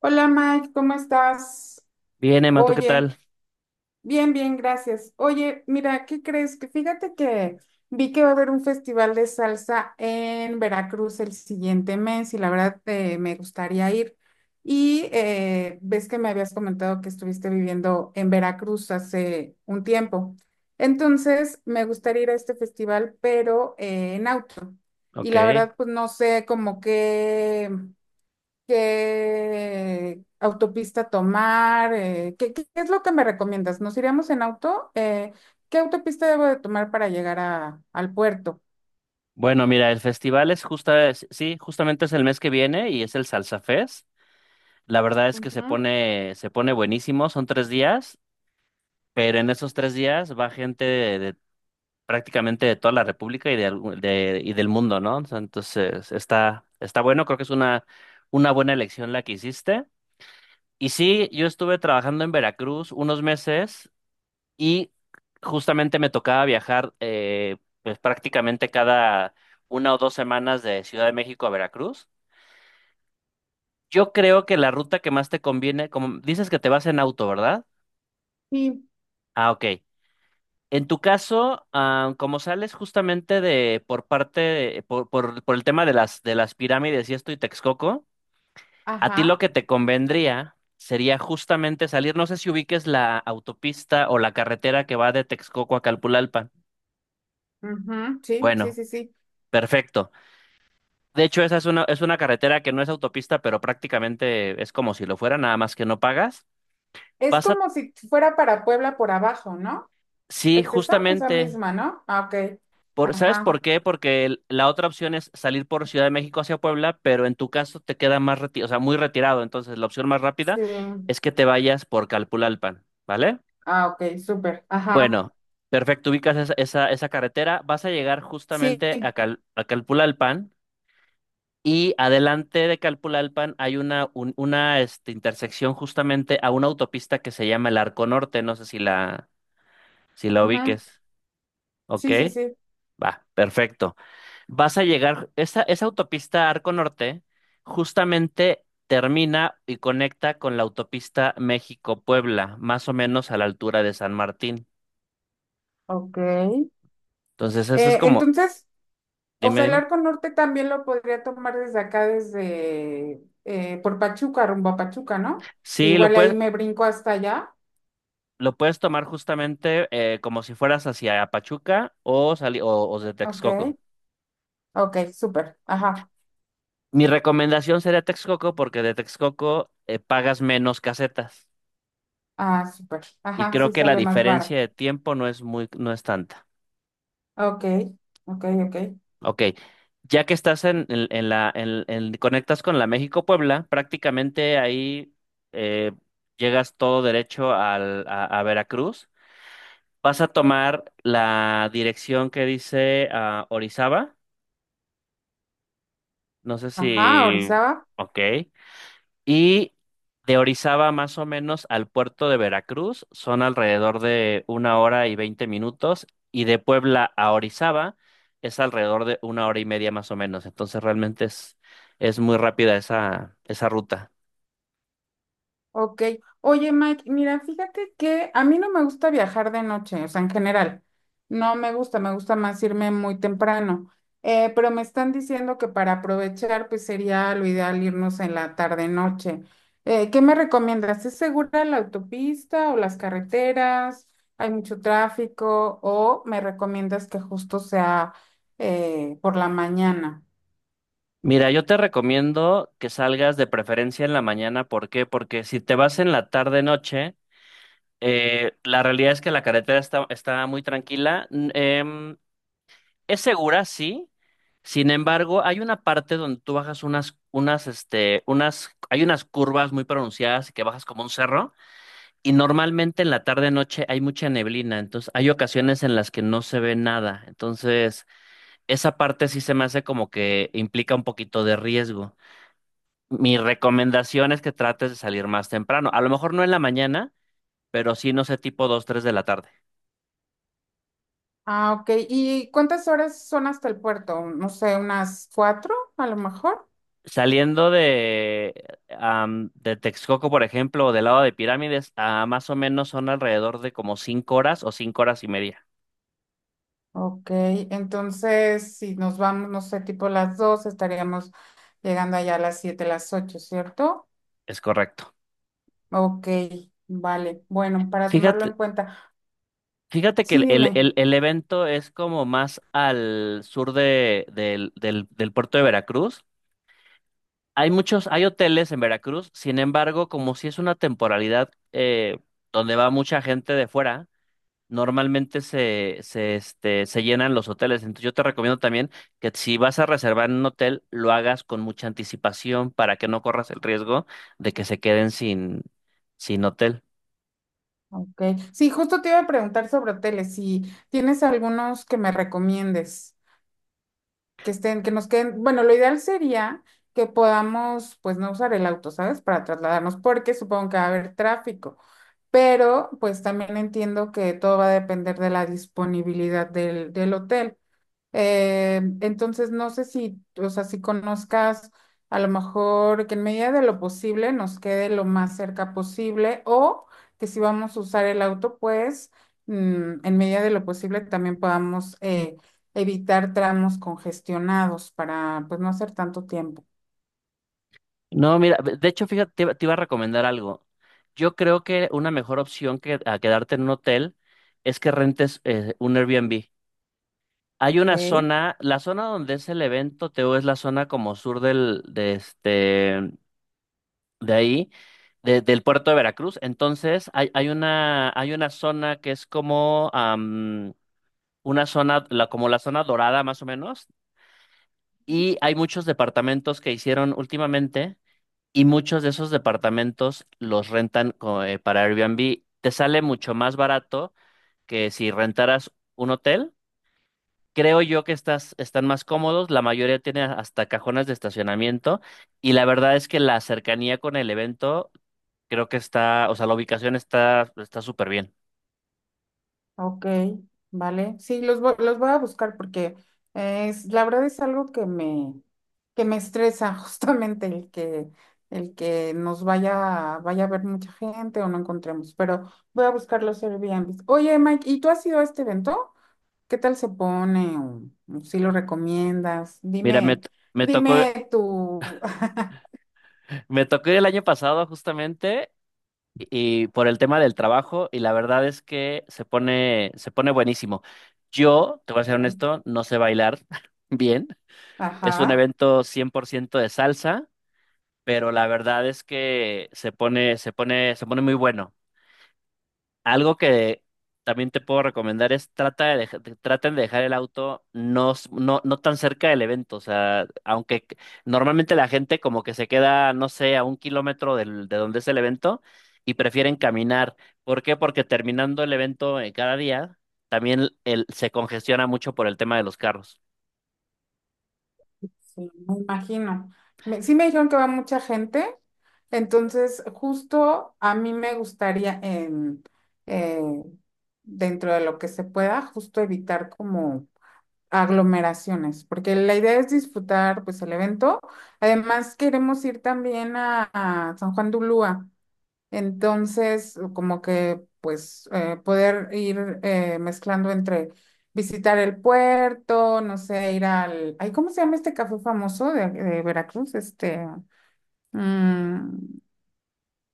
Hola Mike, ¿cómo estás? Bien, Emma, ¿tú qué Oye, tal? bien, bien, gracias. Oye, mira, ¿qué crees? Que fíjate que vi que va a haber un festival de salsa en Veracruz el siguiente mes y la verdad me gustaría ir. Y ves que me habías comentado que estuviste viviendo en Veracruz hace un tiempo. Entonces, me gustaría ir a este festival, pero en auto. Y Ok. la verdad, pues no sé como qué qué autopista tomar, ¿qué, qué es lo que me recomiendas? ¿Nos iríamos en auto? ¿Qué autopista debo de tomar para llegar a, al puerto? Bueno, mira, el festival es sí, justamente es el mes que viene y es el Salsa Fest. La verdad es que se Ujú, pone, se pone buenísimo, son 3 días, pero en esos 3 días va gente de prácticamente de toda la República y del mundo, ¿no? O sea, entonces, está bueno, creo que es una buena elección la que hiciste. Y sí, yo estuve trabajando en Veracruz unos meses y justamente me tocaba viajar pues prácticamente cada 1 o 2 semanas de Ciudad de México a Veracruz. Yo creo que la ruta que más te conviene, como dices que te vas en auto, ¿verdad? sí, Ah, ok. En tu caso, como sales justamente de por parte de- por el tema de las pirámides y esto y Texcoco, a ti lo ajá, que te convendría sería justamente salir, no sé si ubiques la autopista o la carretera que va de Texcoco a Calpulalpan. ujú, sí, sí, Bueno, sí, sí. perfecto. De hecho, esa es una carretera que no es autopista, pero prácticamente es como si lo fuera, nada más que no pagas. Es Vas a... como si fuera para Puebla por abajo, ¿no? Sí, ¿Es esa? Esa justamente. misma, ¿no? Ah, ok, ¿Sabes ajá, por qué? Porque la otra opción es salir por Ciudad de México hacia Puebla, pero en tu caso te queda o sea, muy retirado. Entonces, la opción más rápida sí, es que te vayas por Calpulalpan, ¿vale? ah, ok, súper, ajá, Bueno, perfecto, ubicas esa carretera, vas a llegar sí, justamente a Calpulalpan. Y adelante de Calpulalpan hay una intersección justamente a una autopista que se llama el Arco Norte. No sé si la ujú, ubiques. ¿Ok? sí, sí, sí, Va, perfecto. Vas a llegar, esa autopista Arco Norte justamente termina y conecta con la autopista México-Puebla, más o menos a la altura de San Martín. ok. Entonces, eso es Eh, como, entonces... o dime, sea, el dime. arco norte también lo podría tomar desde acá, desde por Pachuca, rumbo a Pachuca, ¿no? Sí, lo Igual ahí puedes, me brinco hasta allá. lo puedes tomar justamente como si fueras hacia Pachuca o de Ok, Texcoco. ok, súper. Ajá, Mi recomendación sería Texcoco porque de Texcoco pagas menos casetas ah, súper. y Ajá, creo sí que la sale más barato. diferencia de tiempo no es tanta. Ok, ok, ok. Ok, ya que estás en la, en- conectas con la México-Puebla, prácticamente ahí eh, llegas todo derecho a Veracruz. Vas a tomar la dirección que dice Orizaba. No sé Ajá, si... Orizaba. Ok. Y de Orizaba más o menos al puerto de Veracruz son alrededor de 1 hora y 20 minutos y de Puebla a Orizaba es alrededor de 1 hora y media más o menos. Entonces realmente es muy rápida esa ruta. Ok. Oye, Mike, mira, fíjate que a mí no me gusta viajar de noche, o sea, en general. No me gusta, me gusta más irme muy temprano. Pero me están diciendo que para aprovechar, pues sería lo ideal irnos en la tarde-noche. ¿Qué me recomiendas? ¿Es segura la autopista o las carreteras? ¿Hay mucho tráfico? ¿O me recomiendas que justo sea por la mañana? Mira, yo te recomiendo que salgas de preferencia en la mañana. ¿Por qué? Porque si te vas en la tarde-noche, la realidad es que la carretera está muy tranquila. Es segura, sí. Sin embargo, hay una parte donde tú bajas unas, unas, este, unas, hay unas curvas muy pronunciadas y que bajas como un cerro. Y normalmente en la tarde-noche hay mucha neblina. Entonces, hay ocasiones en las que no se ve nada. Entonces, esa parte sí se me hace como que implica un poquito de riesgo. Mi recomendación es que trates de salir más temprano. A lo mejor no en la mañana, pero sí, no sé, tipo 2, 3 de la tarde. Ah, ok. ¿Y cuántas horas son hasta el puerto? No sé, unas cuatro a lo mejor. Saliendo de Texcoco, por ejemplo, o del lado de Pirámides, a más o menos son alrededor de como 5 horas o 5 horas y media. Ok, entonces si nos vamos, no sé, tipo las dos, estaríamos llegando allá a las siete, las ocho, ¿cierto? Es correcto. Ok, vale. Bueno, para tomarlo en Fíjate, cuenta. fíjate que Sí, el, el- dime. el- el evento es como más al sur del puerto de Veracruz. Hay hoteles en Veracruz, sin embargo, como si es una temporalidad donde va mucha gente de fuera. Normalmente se llenan los hoteles. Entonces yo te recomiendo también que si vas a reservar en un hotel, lo hagas con mucha anticipación para que no corras el riesgo de que se queden sin hotel. Ok. Sí, justo te iba a preguntar sobre hoteles, si tienes algunos que me recomiendes, que estén, que nos queden. Bueno, lo ideal sería que podamos, pues, no usar el auto, ¿sabes? Para trasladarnos, porque supongo que va a haber tráfico. Pero pues también entiendo que todo va a depender de la disponibilidad del, del hotel. Entonces, no sé si, o sea, si conozcas a lo mejor que en medida de lo posible nos quede lo más cerca posible o que si vamos a usar el auto, pues en medida de lo posible también podamos evitar tramos congestionados para pues no hacer tanto tiempo. No, mira, de hecho, fíjate, te iba a recomendar algo. Yo creo que una mejor opción que a quedarte en un hotel es que rentes un Airbnb. Hay una Ok. zona, la zona donde es el evento, Teo, es la zona como sur del, de este, de ahí, de- del puerto de Veracruz. Entonces, hay una zona que es como como la zona dorada más o menos, y hay muchos departamentos que hicieron últimamente, y muchos de esos departamentos los rentan para Airbnb. Te sale mucho más barato que si rentaras un hotel. Creo yo que estas están más cómodos, la mayoría tiene hasta cajones de estacionamiento y la verdad es que la cercanía con el evento. O sea, la ubicación está súper bien. Ok, vale. Sí, los, los voy a buscar porque es, la verdad es algo que me estresa justamente el que nos vaya, vaya a ver mucha gente o no encontremos, pero voy a buscar los Airbnb. Oye, Mike, ¿y tú has ido a este evento? ¿Qué tal se pone? O si lo recomiendas? Mira, me, Dime, t- me tocó dime tu. me tocó ir el año pasado justamente y por el tema del trabajo y la verdad es que se pone buenísimo. Yo, te voy a ser honesto, no sé bailar bien. Es un Ajá. evento 100% de salsa, pero la verdad es que se pone muy bueno. Algo que también te puedo recomendar es trata de dej- de- traten de dejar el auto no, no, no tan cerca del evento. O sea, normalmente la gente como que se queda, no sé, a 1 kilómetro de donde es el evento y prefieren caminar. ¿Por qué? Porque terminando el evento cada día, también se congestiona mucho por el tema de los carros. Sí, me imagino. Me- sí me dijeron que va mucha gente, entonces justo a mí me gustaría eh, dentro de lo que se pueda, justo evitar como aglomeraciones, porque la idea es disfrutar pues el evento. Además queremos ir también a San Juan de Ulúa. Entonces, como que, pues, poder ir mezclando entre visitar el puerto, no sé, ir al... Ay, ¿cómo se llama este café famoso de Veracruz? Este, mm,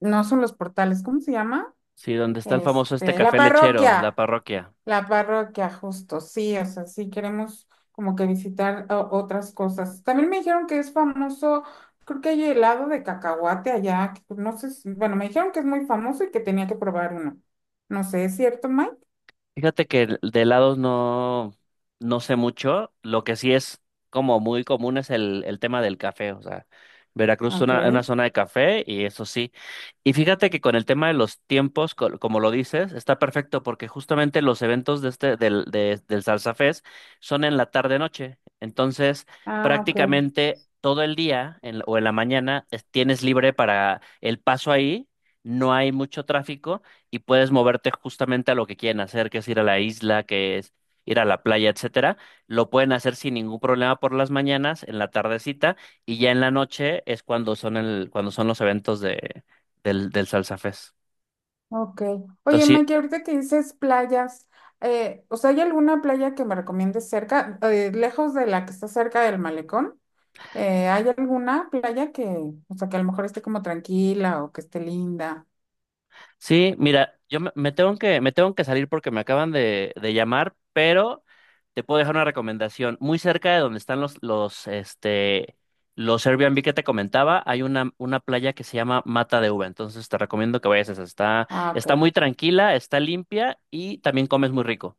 no son los portales, ¿cómo se llama? Sí, donde está el famoso Este, la café lechero, la parroquia. parroquia. La parroquia, justo, sí, o sea, sí queremos como que visitar otras cosas. También me dijeron que es famoso, creo que hay helado de cacahuate allá, que no sé, si- bueno, me dijeron que es muy famoso y que tenía que probar uno. No sé, ¿es cierto, Mike? Fíjate que de helados no, no sé mucho. Lo que sí es como muy común es el tema del café. O sea, Veracruz es Ok. una zona de café y eso sí. Y fíjate que con el tema de los tiempos, como lo dices, está perfecto porque justamente los eventos de este, del, de- del Salsa Fest son en la tarde-noche. Entonces, Ah, ok, prácticamente todo el día en o en la mañana tienes libre para el paso ahí. No hay mucho tráfico y puedes moverte justamente a lo que quieren hacer, que es ir a la isla, que es ir a la playa, etcétera. Lo pueden hacer sin ningún problema por las mañanas, en la tardecita, y ya en la noche es cuando son cuando son los eventos del Salsa Fest. ok. Oye, Entonces, Mike, sí, ahorita que dices playas, o sea, ¿hay alguna playa que me recomiendes cerca, lejos de la que está cerca del malecón? ¿Hay alguna playa que, o sea, que a lo mejor esté como tranquila o que esté linda? sí, mira, yo me, me tengo que salir porque me acaban de llamar, pero te puedo dejar una recomendación. Muy cerca de donde están los Airbnb que te comentaba, hay una playa que se llama Mata de Uva. Entonces te recomiendo que vayas a esa. Está, Ah, está ok, muy tranquila, está limpia y también comes muy rico.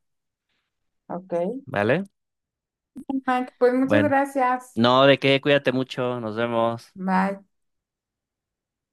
ok. ¿Vale? Mike, pues muchas Bueno, gracias. no, de qué, cuídate mucho, nos vemos. Bye.